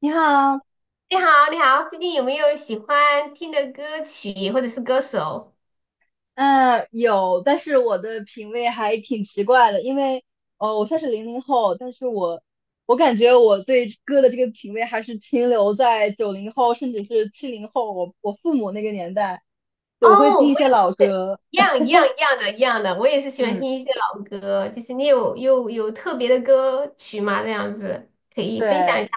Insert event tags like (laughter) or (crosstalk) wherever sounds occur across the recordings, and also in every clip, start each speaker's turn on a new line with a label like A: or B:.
A: 你好。
B: 你好，你好，最近有没有喜欢听的歌曲或者是歌手？
A: 嗯，有，但是我的品味还挺奇怪的，因为，哦，我算是零零后，但是我，感觉我对歌的这个品味还是停留在九零后，甚至是七零后，我父母那个年代，对，我会
B: 哦，
A: 听
B: 我
A: 一些老
B: 也是，
A: 歌。
B: 一样一样一样的，一样的，我也是喜欢
A: 嗯，
B: 听一些老歌。就是你有特别的歌曲吗？这样子可以分享
A: 对，
B: 一下。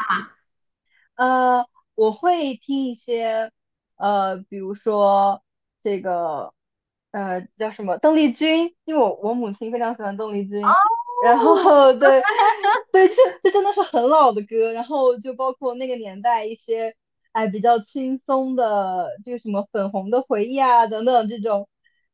A: 呃，我会听一些，比如说这个，叫什么邓丽君，因为我母亲非常喜欢邓丽君，然后
B: 哦，
A: (laughs) 对，对，这真的是很老的歌，然后就包括那个年代一些，哎，比较轻松的，这个什么粉红的回忆啊等等这种，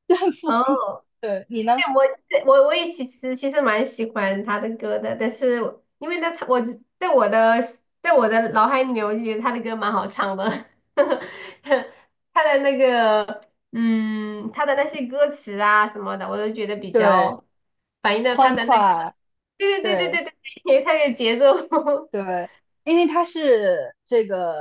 A: 就很复古。
B: 哦，
A: 对，你呢？
B: 对，我其实我我也其实其实蛮喜欢他的歌的，但是我因为呢，他我只在我的在我的脑海里面，我就觉得他的歌蛮好唱的，(laughs) 他的那个嗯，他的那些歌词啊什么的，我都觉得比
A: 对，
B: 较反映到他
A: 欢
B: 的那个，
A: 快，
B: 对对对
A: 对。
B: 对对对，他的节奏，
A: 对，因为他是这个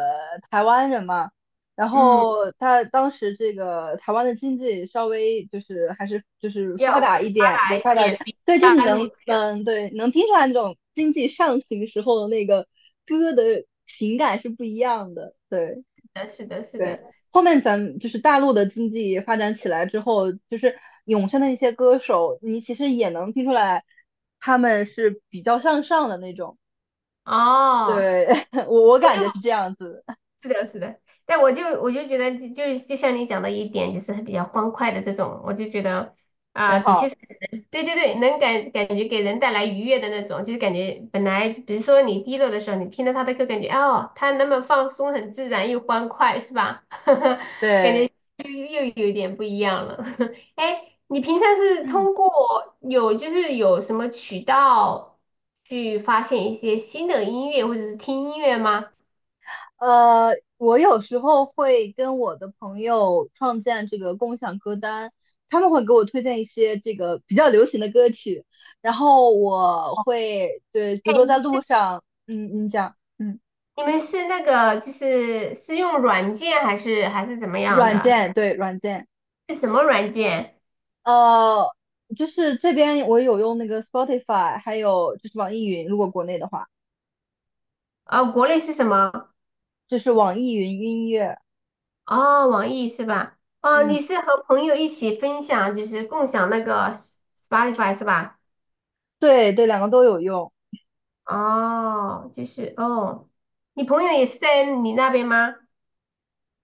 A: 台湾人嘛，然
B: (laughs) 嗯，
A: 后他当时这个台湾的经济稍微就是还是就是发
B: 要
A: 达一
B: 发
A: 点，
B: 达
A: 对，发
B: 一
A: 达一点，
B: 点，比
A: 对，真
B: 大
A: 的
B: 陆
A: 能，
B: 这
A: 对，能听出来那种经济上行时候的那个歌的情感是不一样的，对
B: 样，是的，是的，是
A: 对。
B: 的，
A: 后面咱们就是大陆的经济发展起来之后，就是涌现的一些歌手，你其实也能听出来他们是比较向上的那种。
B: 哦。
A: 对，(laughs) 我
B: 我
A: 感
B: 就
A: 觉是这样子，
B: 是的，是的，但我就觉得就像你讲的一点，就是比较欢快的这种，我就觉得
A: 很
B: 啊、的确
A: 好。
B: 是对对对，能感感觉给人带来愉悦的那种，就是感觉本来比如说你低落的时候，你听到他的歌，感觉哦，他那么放松，很自然又欢快，是吧？(laughs) 感觉
A: 对，
B: 又又有一点不一样了。(laughs) 哎，你平常是
A: 嗯，
B: 通过有就是有什么渠道去发现一些新的音乐，或者是听音乐吗？
A: 呃，我有时候会跟我的朋友创建这个共享歌单，他们会给我推荐一些这个比较流行的歌曲，然后我会对，比如说在
B: 哎，
A: 路上，你讲。嗯，
B: 你们是那个就是是用软件还是还是怎么样
A: 软
B: 的？
A: 件，对，软件。
B: 是什么软件？
A: 呃，就是这边我有用那个 Spotify，还有就是网易云，如果国内的话，
B: 哦，国内是什么？
A: 就是网易云音乐。
B: 哦，网易是吧？哦，
A: 嗯，
B: 你是和朋友一起分享，就是共享那个 Spotify 是吧？
A: 对对，两个都有用。
B: 哦，就是哦，你朋友也是在你那边吗？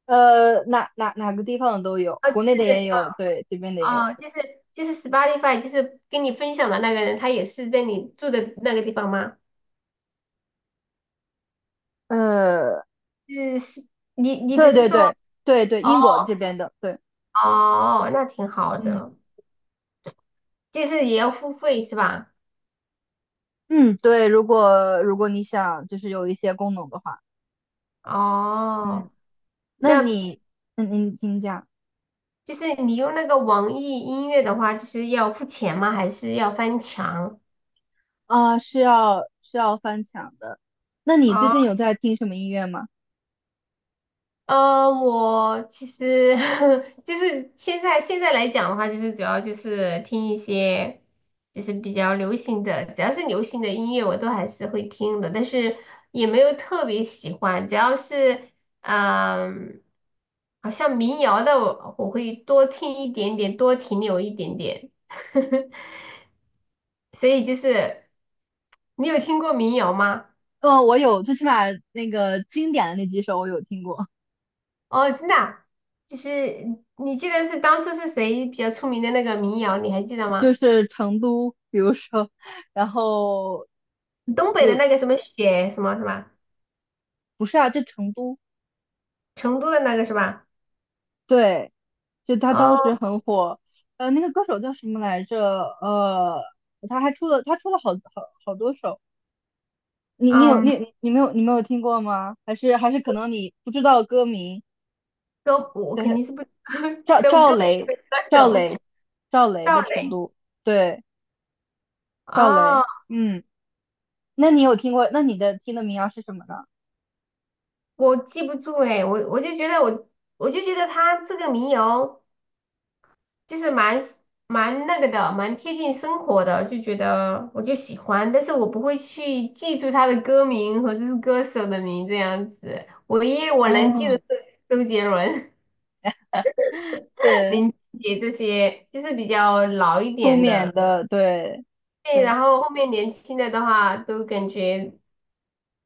A: 哪个地方的都有，
B: 哦，就
A: 国内的
B: 是
A: 也有，对，这边的也有。
B: 哦哦，就是就是 Spotify，就是跟你分享的那个人，他也是在你住的那个地方吗？
A: 呃，
B: 是是，你你不
A: 对
B: 是
A: 对
B: 说
A: 对对对，
B: 哦，
A: 英国这边的，对，
B: 哦哦那挺好
A: 嗯
B: 的。就是也要付费是吧？
A: 嗯，对。如果如果你想就是有一些功能的话，嗯，
B: 哦，
A: 那
B: 那
A: 你，请讲。
B: 就是你用那个网易音乐的话，就是要付钱吗？还是要翻墙？
A: 啊，是要翻墙的。那你最近
B: 哦，
A: 有在听什么音乐吗？
B: 我其实 (laughs) 就是现在来讲的话，就是主要就是听一些就是比较流行的，只要是流行的音乐我都还是会听的，但是也没有特别喜欢，只要是嗯、好像民谣的我会多听一点点，多停留一点点。(laughs) 所以就是你有听过民谣吗？
A: 我有，最起码那个经典的那几首我有听过，
B: 哦，真的啊就是你记得是当初是谁比较出名的那个民谣，你还记得
A: 就
B: 吗？
A: 是成都，比如说，然后
B: 东北的
A: 就
B: 那个什么雪什么什么，
A: 不是啊，就成都，
B: 成都的那个是吧？
A: 对。就他当时
B: 哦，
A: 很火。那个歌手叫什么来着？呃，他还出了好多首，你你有
B: 嗯，
A: 你你没有你没有听过吗？还是可能你不知道歌名。
B: 歌我
A: 但
B: 肯
A: 是
B: 定是不 (laughs)
A: 赵
B: 都
A: 赵
B: 歌名
A: 雷
B: 和歌
A: 赵
B: 手
A: 雷赵雷
B: 赵
A: 的程
B: 雷
A: 度，对赵
B: 哦，
A: 雷。嗯，那你有听过？那你的听的民谣是什么呢？
B: 我记不住哎，我就觉得我我就觉得他这个民谣就是蛮蛮那个的，蛮贴近生活的，就觉得我就喜欢，但是我不会去记住他的歌名和这是歌手的名这样子，唯一我能记得
A: 嗯，
B: 是周杰伦、(laughs)
A: 对，
B: 林俊杰这些，就是比较老一
A: 出
B: 点
A: 缅
B: 的。
A: 的，对
B: 对，
A: 对
B: 然后后面年轻的的话，都感觉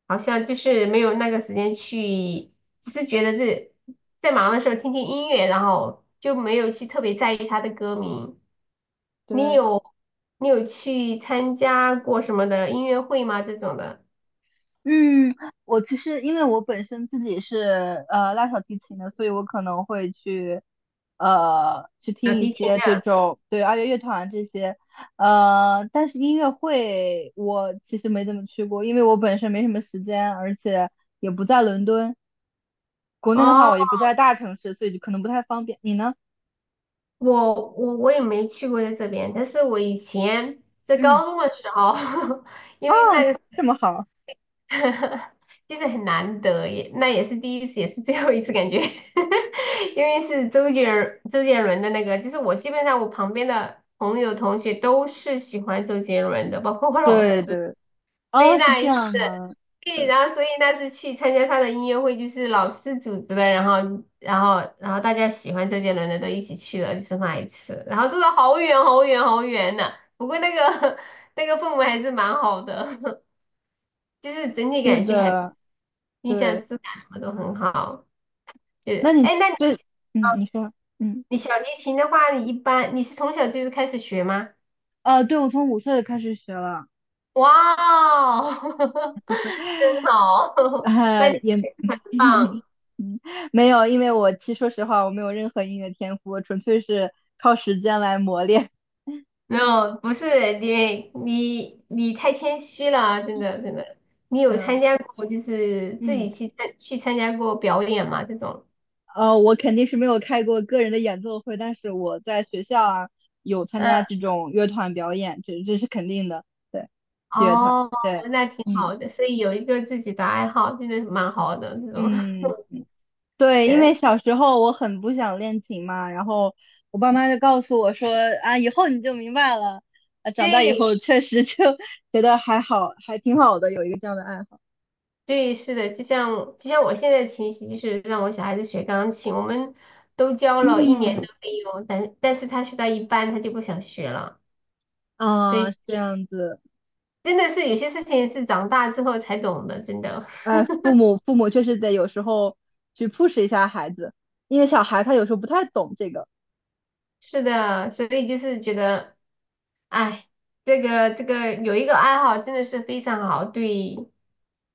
B: 好像就是没有那个时间去，只是觉得这在忙的时候听听音乐，然后就没有去特别在意他的歌名。你
A: 对。
B: 有你有去参加过什么的音乐会吗？这种的
A: 嗯，我其实因为我本身自己是拉小提琴的，所以我可能会去去
B: 小
A: 听一
B: 提琴
A: 些这
B: 的？
A: 种对二月乐团啊这些。但是音乐会我其实没怎么去过，因为我本身没什么时间，而且也不在伦敦，国内的话
B: 哦，
A: 我也不在大城市，所以就可能不太方便。你呢？
B: 我也没去过在这边，但是我以前在
A: 嗯，
B: 高中的时候，(laughs) 因
A: 啊，
B: 为那个。
A: 这么好，
B: (laughs) 就是很难得，也那也是第一次，也是最后一次感觉，(laughs) 因为是周杰伦的那个，就是我基本上我旁边的朋友同学都是喜欢周杰伦的，包括我老
A: 对
B: 师，
A: 对。
B: 所以
A: 哦，是
B: 那
A: 这
B: 一次，
A: 样吗？
B: 对，
A: 对，
B: 然后所以那次去参加他的音乐会，就是老师组织的，然后大家喜欢周杰伦的都一起去了，就是那一次，然后坐的好远好远好远呐、不过那个 (laughs) 那个氛围还是蛮好的，就是整体
A: 是
B: 感觉还
A: 的，
B: 印象
A: 对，
B: 质感什么都很好。就
A: 那
B: 是，
A: 你
B: 哎，那你
A: 这，你说。嗯。
B: 你小提琴的话，你一般你是从小就是开始学吗？
A: 对，我从五岁开始学了。
B: 哇哦，(laughs) 真好，(laughs) 那
A: 呃，
B: 你
A: 也，
B: 很棒。
A: (laughs) 嗯，没有，因为我其实说实话，我没有任何音乐天赋，我纯粹是靠时间来磨练。
B: 没有，不是你太谦虚了，真的真的。你
A: (laughs) 没
B: 有
A: 有。
B: 参加过就是自己
A: 嗯，
B: 去参加过表演吗？这种？
A: 我肯定是没有开过个人的演奏会，但是我在学校啊有参
B: 嗯，
A: 加这种乐团表演，这是肯定的，对，器乐团，
B: 哦，
A: 对，
B: 那挺
A: 嗯
B: 好的，所以有一个自己的爱好，真的蛮好的这种。
A: 嗯。
B: (laughs)
A: 对，因
B: 对，
A: 为小时候我很不想练琴嘛，然后我爸妈就告诉我说啊，以后你就明白了。啊，长大以后确实就 (laughs) 觉得还好，还挺好的，有一个这样的爱好。
B: 对，是的，就像我现在的情形，就是让我小孩子学钢琴，我们都交了一年
A: 嗯，
B: 的费用，但是他学到一半他就不想学了，所
A: 啊，
B: 以
A: 是这样子，
B: 真的是有些事情是长大之后才懂的，真的
A: 哎，父母确实得有时候去 push 一下孩子，因为小孩他有时候不太懂这个。
B: (laughs) 是的，所以就是觉得，哎，这个有一个爱好真的是非常好，对，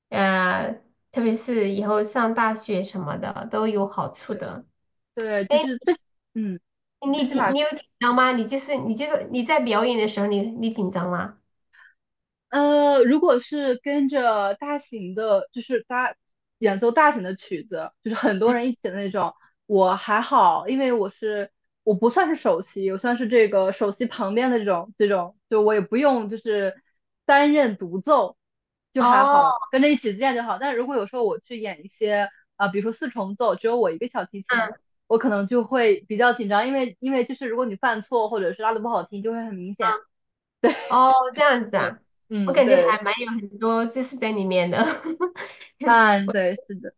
B: 呃，特别是以后上大学什么的都有好处
A: 对
B: 的。
A: 对，
B: 哎，
A: 就是最，嗯，
B: 你
A: 最起
B: 紧
A: 码。
B: 你有紧张吗？你就是你在表演的时候你你紧张吗？
A: 如果是跟着大型的，就是大演奏大型的曲子，就是很多人一起的那种，我还好，因为我是，不算是首席，我算是这个首席旁边的这种，就我也不用就是担任独奏，就还
B: 哦，
A: 好，跟着一起练就好。但如果有时候我去演一些啊、比如说四重奏，只有我一个小提琴，
B: 嗯
A: 我可能就会比较紧张，因为就是如果你犯错或者是拉的不好听，就会很明显。
B: 嗯，哦，这样子
A: 对，
B: 啊，我
A: 嗯，
B: 感觉
A: 对。
B: 还蛮有很多知识在里面的。(laughs)
A: 嗯，对，是的，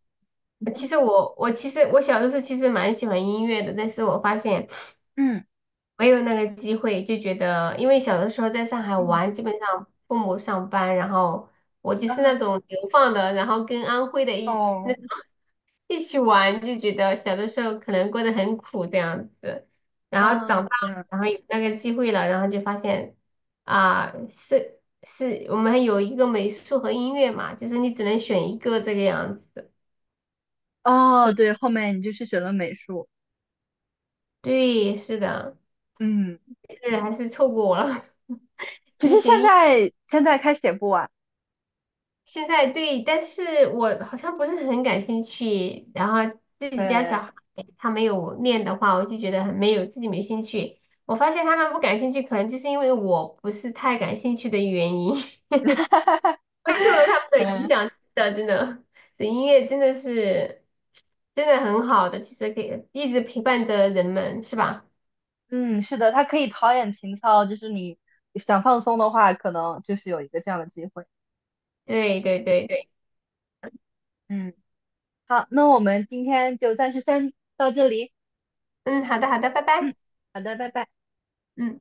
B: 其实我其实我小的时候其实蛮喜欢音乐的，但是我发现
A: 嗯
B: 没有那个机会，就觉得因为小的时候在上海
A: 嗯，
B: 玩，基本上父母上班，然后我就是
A: 啊，
B: 那种流放的，然后跟安徽的一。那。
A: 哦，
B: 一起玩就觉得小的时候可能过得很苦这样子，然后
A: 啊，
B: 长大
A: 这样，
B: 然后有那个机会了，然后就发现啊，是是我们有一个美术和音乐嘛，就是你只能选一个这个样子。
A: 哦，
B: 是，
A: 对，后面你就是学了美术。
B: 对，是的，
A: 嗯，
B: 是还是错过了。(laughs)
A: 其
B: 你
A: 实
B: 学音
A: 现在开始也不晚，
B: 现在对，但是我好像不是很感兴趣。然后自己家
A: 对，
B: 小孩他没有练的话，我就觉得很没有自己没兴趣。我发现他们不感兴趣，可能就是因为我不是太感兴趣的原因，(laughs) 我
A: (laughs)
B: 受了他们的影
A: 嗯，
B: 响。真的，真的，这音乐真的是真的很好的，其实可以一直陪伴着人们，是吧？
A: 嗯，是的，它可以陶冶情操，就是你想放松的话，可能就是有一个这样的机会。
B: 对对对对，
A: 嗯，好，那我们今天就暂时先到这里。
B: 嗯，好的好的，拜拜，
A: 嗯，好的，拜拜。
B: 嗯。